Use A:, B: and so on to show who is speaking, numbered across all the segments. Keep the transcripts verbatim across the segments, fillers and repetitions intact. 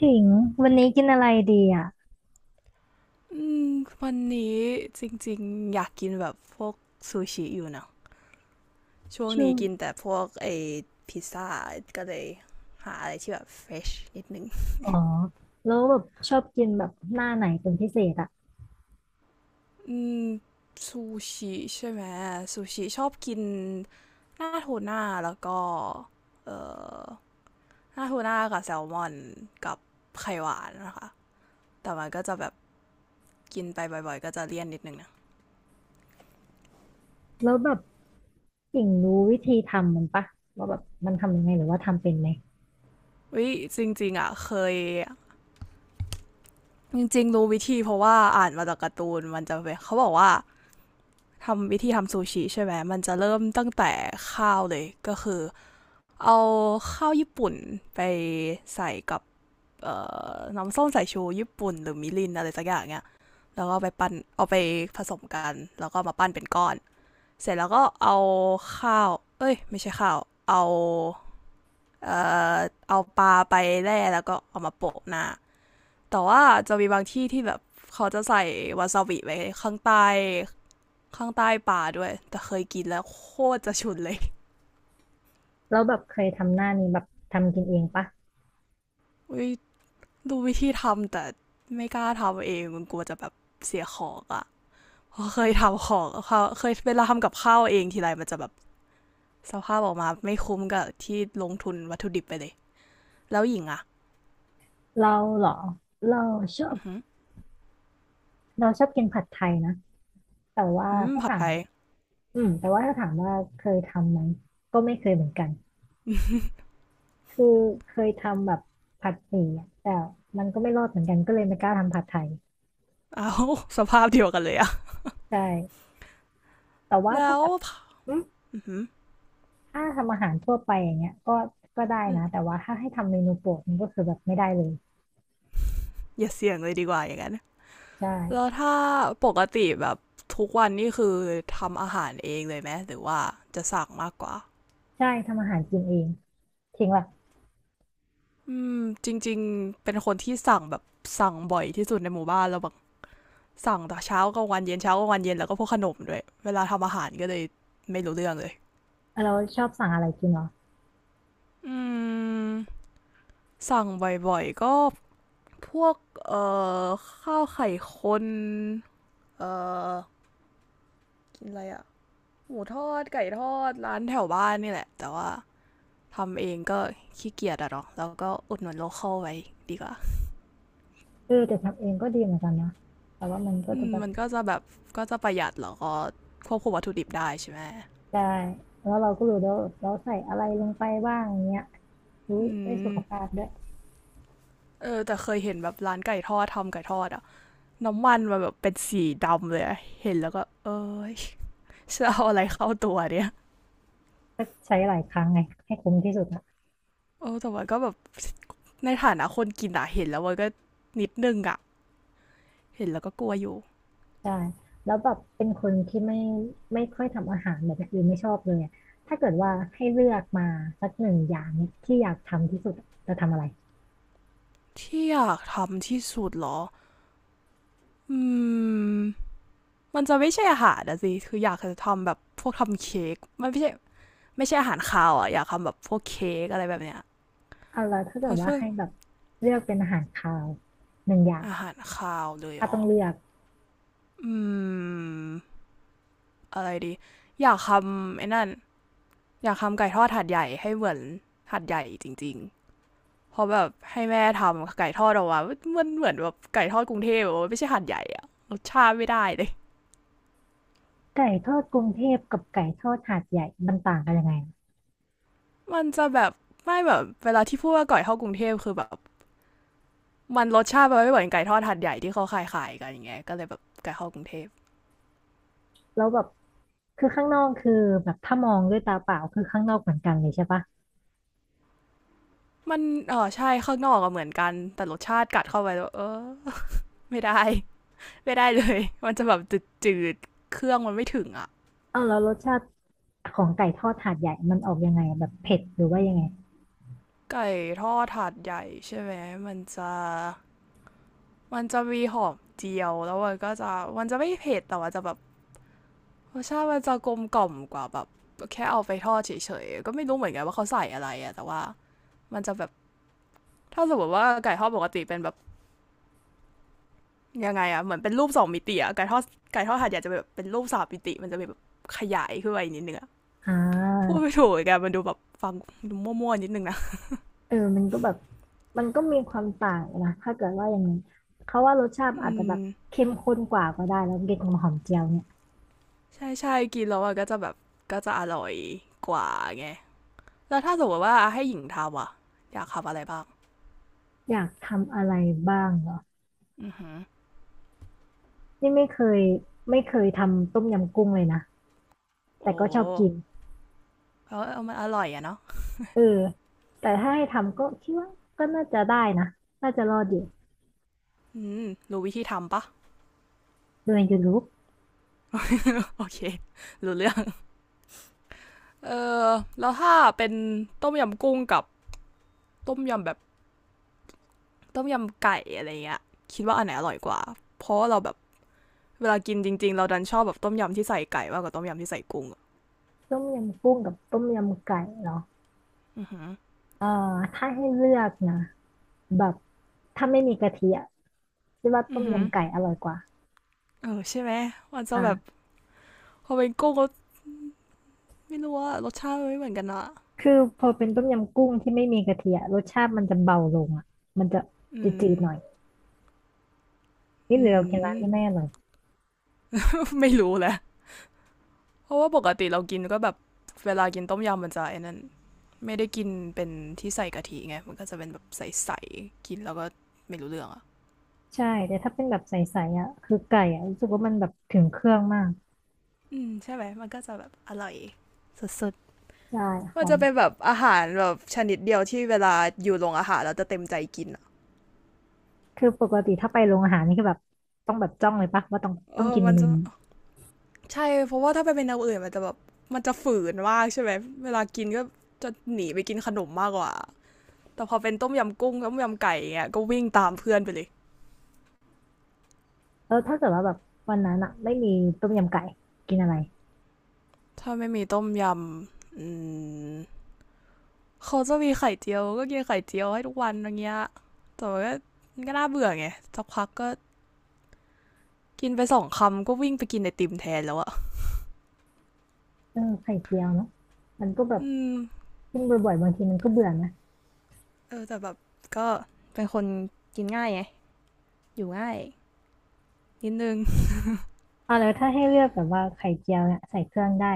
A: ถิงวันนี้กินอะไรดีอ่ะ
B: อืมวันนี้จริงๆอยากกินแบบพวกซูชิอยู่นะช่วง
A: ชื่อ
B: นี้กินแต่พวกไอพิซซ่าก็เลยหาอะไรที่แบบเฟรชนิดนึง
A: อ๋อแล้วแบบชอบกินแบบหน้าไหนเป็นพิเศษอ่ะ
B: อืมซูชิใช่ไหมซูชิชอบกินหน้าโทน่าแล้วก็เอ่อหน้าโทน่ากับแซลมอนกับไข่หวานนะคะแต่มันก็จะแบบกินไปบ่อยๆก็จะเลี่ยนนิดนึงนะ
A: แล้วแบบถิงรู้วิธีทำมันปะว่าแบบมันทำยังไงหรือว่าทำเป็นไหม
B: วิจริงๆอ่ะเคยจริงๆรู้วิธีเพราะว่าอ่านมาจากการ์ตูนมันจะเป็นเขาบอกว่า ทำวิธีทำซูชิใช่ไหมมันจะเริ่มตั้งแต่ข้าวเลยก็คือเอาข้าวญี่ปุ่นไปใส่กับเอ่อน้ำส้มสายชูญี่ปุ่นหรือมิรินอะไรสักอย่างเนี้ยแล้วก็ไปปั้นเอาไปผสมกันแล้วก็มาปั้นเป็นก้อน เสร็จแล้วก็เอาข้าวเอ้ยไม่ใช่ข้าว เอา เอ่อเอาปลาไปแล่แล้วก็เอามาโปะหน้าแต่ว่าจะมีบางที่ที่แบบเขาจะใส่วาซาบิไว้ข้างใต้ ข้างใต้ป่าด้วยแต่เคยกินแล้วโคตรจะฉุนเลย
A: แล้วแบบเคยทำหน้านี้แบบทำกินเองปะ
B: อุ้ยดูวิธีทำแต่ไม่กล้าทำเองมันกลัวจะแบบเสียของอะ่ะเคยทำของเเคยเวลาทำกับข้าวเองทีไรมันจะแบบสภาพออกมาไม่คุ้มกับที่ลงทุนวัตถุดิบไปเลยแล้วหญิงอะ่ะ
A: เราเหรอเราชอบ
B: อื
A: เราชอบกินผัดไทยนะแต่ว่า
B: ม
A: ถ้า
B: ผัด
A: ถา
B: ไท
A: ม
B: ย
A: อืมแต่ว่าถ้าถามว่าเคยทำไหมก็ไม่เคยเหมือนกัน คือเคยทำแบบผัดหมี่อะแต่มันก็ไม่รอดเหมือนกันก็เลยไม่กล้าทำผัดไทย
B: เอาสภาพเดียวกันเลยอะ
A: ใช่แต่ว่า
B: แล้
A: ถ้า
B: ว
A: แบบอืม
B: อือ
A: ถ้าทำอาหารทั่วไปอย่างเงี้ยก็ก็ได้
B: ม
A: นะแต่ว่าถ้าให้ทำเมนูโปรดมันก็คือแบบไม่ได้เลย
B: อย่าเสี่ยงเลยดีกว่าอย่างนั้น
A: ใช่
B: แล้วถ้าปกติแบบทุกวันนี่คือทำอาหารเองเลยไหมหรือว่าจะสั่งมากกว่า
A: ใช่ทำอาหารกินเองทิ้งแบบ
B: อืมจริงๆเป็นคนที่สั่งแบบสั่งบ่อยที่สุดในหมู่บ้านเราแบบสั่งแต่เช้ากลางวันเย็นเช้ากลางวันเย็นแล้วก็พวกขนมด้วยเวลาทำอาหารก็เลยไม่รู้เรื่องเลย
A: เออเราชอบสั่งอะไรกินเหรอ
B: อืมสั่งบ่อยๆก็พวกเอ่อข้าวไข่คนเอ่อกินอะไรอะหมูทอดไก่ทอดร้านแถวบ้านนี่แหละแต่ว่าทำเองก็ขี้เกียจอะเนาะแล้วก็อุดหนุนโลคอลไว้ดีกว่า
A: เออแต่ทำเองก็ดีเหมือนกันนะแต่ว่ามันก็
B: อื
A: จะ
B: ม
A: แบบ
B: มันก็จะแบบก็จะประหยัดแล้วก็ควบคุมวัตถุดิบได้ใช่ไหม
A: ได้แล้วเราก็รู้แล้ววาเราใส่อะไรลงไปบ้างเงี้ยรู้
B: อื
A: ได้สุขภา
B: ม
A: พด้วย
B: เออแต่เคยเห็นแบบร้านไก่ทอดทำไก่ทอดอะน้ำมันมันแบบเป็นสีดำเลยอะเห็นแล้วก็เอ้ยจะเอาอะไรเข้าตัวเนี่ย
A: ก็ใช้หลายครั้งไงให้คุ้มที่สุด
B: เออแต่ว่าก็แบบในฐานะคนกินอะเห็นแล้วมันก็นิดนึงอะเห็นแล้วก็กลัวอยู่
A: ใช่แล้วแบบเป็นคนที่ไม่ไม่ค่อยทำอาหารแบบอื่นไม่ชอบเลยอะถ้าเกิดว่าให้เลือกมาสักหนึ่งอย่างเนี่ยที่อยากทำที่สุดอะจะทำอะไร
B: ที่อยากทำที่สุดเหรออืมมันจะไม่ใช่อาหารนะสิคืออยากจะทำแบบพวกทำเค้กมันไม่ใช่ไม่ใช่อาหารคาวอะอยากทำแบบพวกเค้กอะไรแบบเนี้ย
A: เอาละถ้า
B: เพ
A: เกิด
B: ราะ
A: ว่า
B: เพื่อ
A: ให้แบบเลือกเป็นอาหารคาวหนึ่งอย่าง
B: อาหารคาวเลยเห
A: ถ้า
B: ร
A: ต้
B: อ
A: องเลือก
B: อืม อะไรดีอยากทำไอ้นั่นอยากทำไก่ทอดหัดใหญ่ให้เหมือนหัดใหญ่จริงๆเพราะแบบให้แม่ทำไก่ทอดออกมามันเหมือนแบบไก่ทอดกรุงเทพอบมไม่ใช่หัดใหญ่อะรสชาติไม่ได้เลย
A: ไก่ทอดกรุงเทพกับไก่ทอดหาดใหญ่มันต่างกันยังไงอะ
B: มันจะแบบไม่แบบเวลาที่พูดว่าไก่ทอดกรุงเทพคือแบบมันรสชาติมันไม่เหมือนไก่ทอดหัดใหญ่ที่เขาขายขายกันอย่างเงี้ยก็เลยแบบไก่ทอดกรุงเทพ
A: แล้วแบบคือข้างนอกคือแบบถ้ามองด้วยตาเปล่าคือข้างนอกเหมือนกันเลยใช่ปะ
B: มันเออใช่ข้างนอกก็เหมือนกันแต่รสชาติกัดเข้าไปแล้วเออไม่ได้ไม่ได้เลยมันจะแบบจืดๆเครื่องมันไม่ถึงอะ
A: เอาแล้วรสชาติของไก่ทอดหาดใหญ่มันออกยังไงอะแบบเผ็ดหรือว่ายังไง
B: ไก่ทอดถาดใหญ่ใช่ไหมมันจะมันจะมีหอมเจียวแล้วมันก็จะมันจะไม่เผ็ดแต่ว่าจะแบบรสชาติมันจะกลมกล่อมกว่าแบบแค่เอาไปทอดเฉยๆก็ไม่รู้เหมือนกันว่าเขาใส่อะไรอะแต่ว่ามันจะแบบถ้าสมมติว่าไก่ทอดปกติเป็นแบบยังไงอะเหมือนเป็นรูปสองมิติอะไก่ทอดไก่ทอดถาดใหญ่จะแบบเป็นรูปสามมิติมันจะแบบขยายขึ้นไปนิดนึงอะ
A: อ่
B: พูดไม่
A: า
B: ถูกเหมกัมันดูแบบฟังดูมั่วๆนิดนึงนะ
A: เออมันก็แบบมันก็มีความต่างนะถ้าเกิดว่าอย่างนี้เขาว่ารสชาติ
B: อื
A: อาจจะแบ
B: ม
A: บเข้มข้นกว่าก็ได้แล้วเด็กของหอมเจียวเนี่ย
B: ใช่ใช่กินแล้วมันก็จะแบบก็จะอร่อยกว่าไง แล้วถ้าสมมติว่าให้หญิงทำอ่ะอยากทำอะไรบ้าง
A: อยากทำอะไรบ้างเหรอ
B: อือหือ
A: นี่ไม่เคยไม่เคยทำต้มยำกุ้งเลยนะแต่
B: โอ้
A: ก็ชอบกิน
B: เขาเอามันอร่อยอะเนาะ
A: เออแต่ถ้าให้ทำก็คิดว่าก็น่าจะได้นะน่าจะรอดอยู่
B: อืมรู้วิธีทำปะ
A: โดยยูทูบ
B: โอเครู้เรื่องเออแล้วถ้าเป็นต้มยำกุ้งกับต้มยำแบบต้มยำไก่อะไรเงี้ยคิดว่าอันไหนอร่อยกว่าเพราะว่าเราแบบเวลากินจริงๆเราดันชอบแบบต้มยำที่ใส่ไก่มากกว่าต้มยำที่ใส่กุ้งอะ
A: ต้มยำกุ้งกับต้มยำไก่เหรอเออถ้าให้เลือกนะแบบถ้าไม่มีกะทิอะคิดว่า
B: อื
A: ต้
B: อ
A: ม
B: หือ
A: ยำไก่อร่อยกว่า
B: เออใช่ไหมมันจะแบบ
A: อ่า
B: พอเป็นกุ้งก็ไม่รู้ว่ารสชาติมันไม่เหมือนกันนะ
A: คือพอเป็นต้มยำกุ้งที่ไม่มีกะทิอะรสชาติมันจะเบาลงอ่ะมันจะจ
B: อืม
A: ืดๆหน่อยนี่ห
B: อื
A: รือเรากินร้าน
B: ม
A: ที่แม่อร่อย
B: ไม่รู้แหละ เพราะว่าปกติเรากินก็แบบเวลากินต้มยำมันจะไอ้นั่นไม่ได้กินเป็นที่ใส่กะทิไงมันก็จะเป็นแบบใสๆกินแล้วก็ไม่รู้เรื่องอ่ะ
A: ใช่แต่ถ้าเป็นแบบใสๆอ่ะคือไก่อ่ะรู้สึกว่ามันแบบถึงเครื่องมาก
B: อืมใช่ไหมมันก็จะแบบอร่อยสุด
A: ใช่
B: ๆ
A: ห
B: มัน
A: อ
B: จะ
A: ม
B: เป็นแบบอาหารแบบชนิดเดียวที่เวลาอยู่โรงอาหารเราจะเต็มใจกินอ่ะ
A: คือปกติถ้าไปโรงอาหารนี่คือแบบต้องแบบจ้องเลยปะว่าต้อง
B: เอ
A: ต้อง
B: อ
A: กินเม
B: มัน
A: นู
B: จะ
A: นี้
B: ใช่เพราะว่าถ้าไปเป็นอย่างอื่นมันจะแบบมันจะฝืนมากใช่ไหมเวลากินก็จะหนีไปกินขนมมากกว่าแต่พอเป็นต้มยำกุ้งต้มยำไก่อยงเงี้ยก็วิ่งตามเพื่อนไปเลย
A: แล้วถ้าเกิดว่าแบบวันนั้นอ่ะไม่มีต้มยำไก่กินอะไร
B: ถ้าไม่มีต้มยำอืม เขาจะมีไข่เจียวก็กินไข่เจียวให้ทุกวันอย่างเงี้ยแต่ว่าก็มันก็น่าเบื่อไงสักพักก็กินไปสองคำก็วิ่งไปกินไอติมแทนแล้วอะ
A: เออไข่เจียวเนาะมันก็แบบ
B: อืม
A: กินบ่อยๆบางทีมันก็เบื่อนะ
B: เออแต่แบบก็เป็นคนกินง่ายไงอยู่ง่ายนิดนึง
A: อ่าแล้วถ้าให้เลือกแบบว่าไข่เจียวเนี่ยใส่เครื่องได้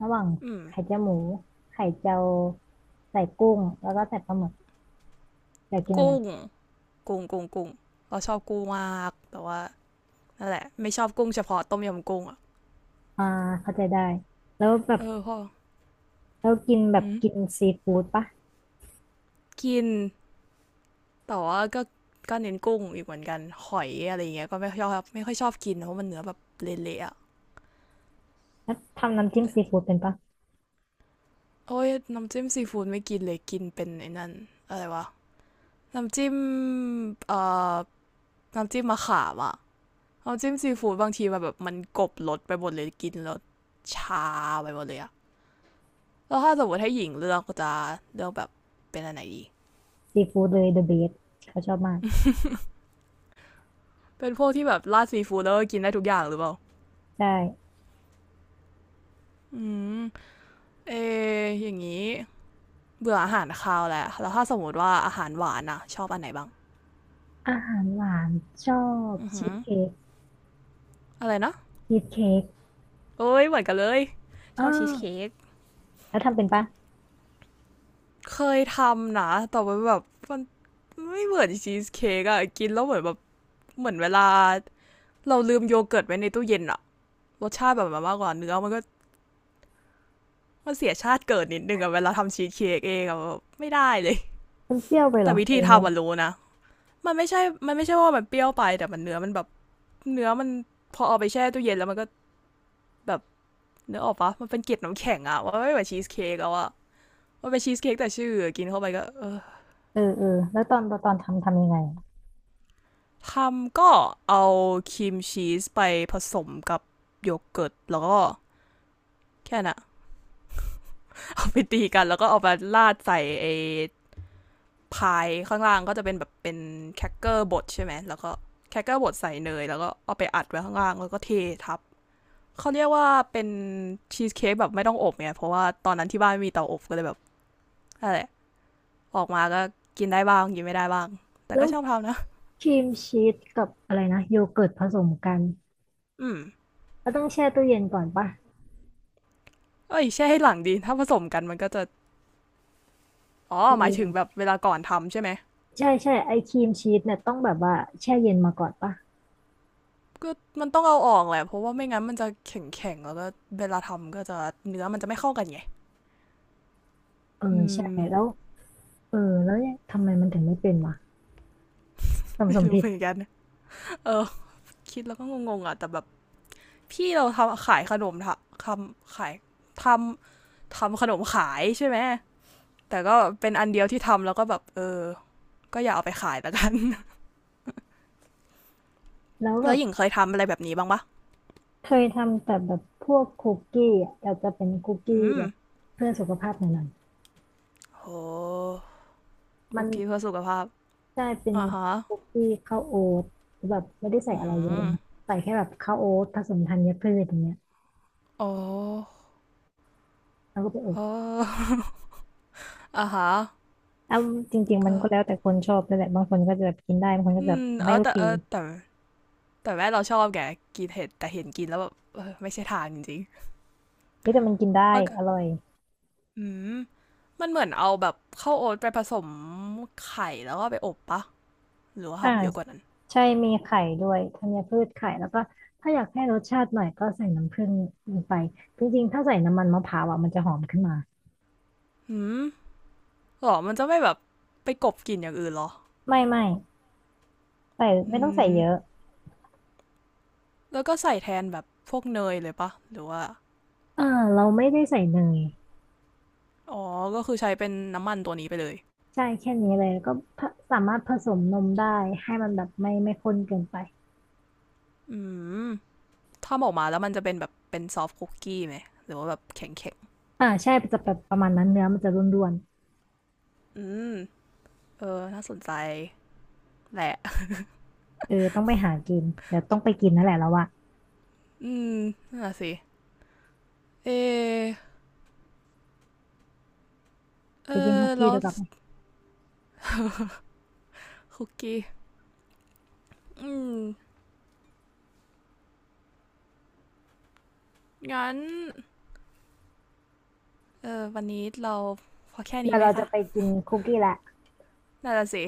A: ระหว่าง
B: อืม
A: ไข่เจียวหมูไข่เจียวใส่กุ้งแล้วก็ใส่ปลาหมึกอยากกินอะไร
B: กุ้งกุ้งกุ้งกุ้งเราชอบกุ้งมากแต่ว่านั่นแหละไม่ชอบกุ้งเฉพาะต้มยำกุ้งอะ
A: อ่าเข้าใจได้แล้วแบบ
B: เออพอ
A: แล้วกินแบบ
B: อืม
A: กินซีฟู้ดปะ
B: กินแต่ว่าก็ก็เน้นกุ้งอีกเหมือนกันหอยอะไรเงี้ยก็ไม่ชอบไม่ค่อยชอบกินเพราะมันเนื้อแบบเละๆอะ
A: แล้วทำน้ำจิ้มซีฟู้ดเป็นปะ
B: โอ้ยน้ำจิ้มซีฟู้ดไม่กินเลยกินเป็นไอ้นั่นอะไรวะ น้ำจิ้มเอ่อน้ำจิ้มมะขามอะน้ำจิ้มซีฟู้ดบางทีมันแบบมันกลบรสไปหมดเลยกินแล้วชาไปหมดเลยอะ แล้วถ้าสมมติให้หญิงเลือกก็จะเลือกแบบเป็นอะไรดี
A: ซีฟู้ดเลยเดอะเบสเขาชอบมาก
B: เป็นพวกที่แบบราดซีฟู้ดแล้วก็กินได้ทุกอย่างหรือเปล่า
A: ใช่
B: อืมเอออย่างนี้เบื่ออาหารคาวแหละแล้วถ้าสมมติว่าอาหารหวานอะชอบอันไหนบ้าง
A: อาหารหวานชอบ
B: อือ
A: ชี
B: หือ
A: สเค้ก
B: อะไรนะ
A: ชีสเค้ก
B: โอ้ยเหมือนกันเลยช
A: อ้า
B: อบชีส
A: ว
B: เค้ก
A: แล้วทำเป็นปะ
B: เคยทำนะแต่ว่าแบบมันไม่เหมือนชีสเค้กอะกินแล้วเหมือนแบบเหมือนเวลาเราลืมโยเกิร์ตไว้ในตู้เย็นอะรสชาติแบบมันมากกว่าเนื้อมันก็มันเสียชาติเกิดนิดนึงอะเวลาทำชีสเค้กเองอะแไม่ได้เลย
A: มันเปรี้ยวไปเหร
B: แต่
A: อ
B: วิ
A: เอ
B: ธี
A: งเนี่ย
B: ทำมันรู้นะมันไม่ใช่มันไม่ใช่ว่ามันเปรี้ยวไปแต่มันเนื้อมันแบบเนื้อมันพอเอาไปแช่ตู้เย็นแล้วมันก็แบบเนื้อออกปะมันเป็นเกล็ดน้ำแข็งอะว่าไม่เหมือนชีสเค้กแล้วอะมันเป็นชีสเค้กแต่ชื่อกินเข้าไปก็เออ
A: เออเออแล้วตอนตอนทำทำยังไงอะ
B: ทำก็เอาครีมชีสไปผสมกับโยเกิร์ตแล้วก็แค่น่ะ เอาไปตีกันแล้วก็เอาไาราดใส่ไอ้พายข้างล่างก็จะเป็นแบบเป็นแครกเกอร์บดใช่ไหมแล้วก็แครกเกอร์บดใส่เนยแล้วก็เอาไปอัดไว้ข้างล่างแล้วก็เททับเขาเรียกว่าเป็นชีสเค้กแบบไม่ต้องอบเนี่ยเพราะว่าตอนนั้นที่บ้านไม่มีเตาอบก็เลยแบบอะไรออกมาก็กินได้บ้างกินไม่ได้บ้างแต่
A: แล้
B: ก็
A: ว
B: ชอบทำนะ
A: ครีมชีสกับอะไรนะโยเกิร์ตผสมกัน
B: อืม
A: ก็ต้องแช่ตู้เย็นก่อนปะ
B: เอ้ยแช่ให้หลังดีถ้าผสมกันมันก็จะอ๋อ
A: เ
B: หมายถึงแบ
A: ออ
B: บเวลาก่อนทำใช่ไหม
A: ใช่ใช่ไอครีมชีสเนี่ยต้องแบบว่าแช่เย็นมาก่อนปะ
B: ก็มันต้องเอาออกแหละเพราะว่าไม่งั้นมันจะแข็งๆแล้วก็เวลาทำก็จะเนื้อมันจะไม่เข้ากันไง
A: เออ
B: อื
A: ใช่
B: ม
A: แล้วเออแล้วเนี่ยทำไมมันถึงไม่เป็นวะทำ
B: ไม่
A: สม
B: รู้
A: ผิด
B: เหมือนกันเออคิดแล้วก็งงๆอ่ะแต่แบบพี่เราทำขายขนมทำขายทำทำขนมขายใช่ไหมแต่ก็เป็นอันเดียวที่ทำแล้วก็แบบเออก็อย่าเอาไปขายแล้วกัน
A: แล้ว แบ
B: แล้ว
A: บ
B: หญิงเคยทำอะไรแบบนี้บ้างปะ
A: เคยทำแต่แบบพวกคุกกี้อ่ะแต่จะเป็นคุกกี้
B: อื
A: แบ
B: ม
A: บเพื่อสุขภาพหน่อยๆมั
B: คุ
A: น
B: กกี้เพื่อสุขภาพ
A: ได้เป็น
B: อ่าฮะ
A: คุกกี้ข้าวโอ๊ตแบบไม่ได้ใส่
B: อื
A: อะไรเยอะเล
B: ม
A: ยนะใส่แค่แบบข้าวโอ๊ตผสมธัญพืชอย่างเงี้ย
B: โอ้
A: แล้วก็ไปอบ
B: โอ่า ฮะ
A: อ้าจริงๆมัน
B: ก็
A: ก็แล้วแต่คนชอบด้วยแหละบางคนก็จะแบบกินได้บางคนก็
B: อื
A: จะแบบ
B: มเอ
A: ไม่
B: อ
A: โอ
B: แต่
A: เค
B: เออแต่ แต่แม่เราชอบแกกินเห็ดแต่เห็นกินแล้วแบบไม่ใช่ทางจริง
A: เฮ้ยแต่มันกินได้
B: ๆมันก
A: อร่อย
B: อืมมันเหมือนเอาแบบข้าวโอ๊ตไปผสมไข่แล้วก็ไปอบปะหรือว่า
A: อ่า
B: ทำเยอะกว่านั้น
A: ใช่มีไข่ด้วยธัญพืชไข่แล้วก็ถ้าอยากให้รสชาติหน่อยก็ใส่น้ำผึ้งลงไปจริงๆถ้าใส่น้ำมันมะพร้าวอ่ะมันจะหอมขึ้นมา
B: อืมหรอมันจะไม่แบบไปกบกลิ่นอย่างอื่นหรอ
A: ไม่ไม่ใส่ไม่
B: อื
A: ต้องใส่
B: ม
A: เยอะ
B: แล้วก็ใส่แทนแบบพวกเนยเลยปะหรือว่า
A: อ่าเราไม่ได้ใส่เนย
B: อ๋อก็คือใช้เป็นน้ำมันตัวนี้ไปเลย
A: ใช่แค่นี้เลยแล้วก็ผสามารถผสมนมได้ให้มันแบบไม่ไม่ข้นเกินไป
B: อืมถ้าออกมาแล้วมันจะเป็นแบบเป็นซอฟต์คุกกี้ไหมหรือว่าแบบแข็ง
A: อ่าใช่จะแบบประมาณนั้นเนื้อมันจะร่วน
B: ๆอืมเออน่าสนใจแหละ
A: ๆเออต้องไปหากินเดี๋ยวต้องไปกินนั่นแหละแล้วว่า
B: อืมน่าสิ เออเอ
A: ไปกินฮ
B: อ
A: อกกี้
B: แล้ว
A: ดีกว่าไหม
B: คุกกี้ อืม งั้น เออวันนี้เราพอแค่
A: เดี๋
B: นี้
A: ยว
B: ไหม
A: เราจะ
B: คะ
A: ไปกินคุกกี้ละ
B: น่าจะสิ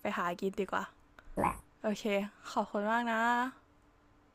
B: ไปหากินดีกว่า
A: แหละ
B: โอเค ขอบคุณมากนะ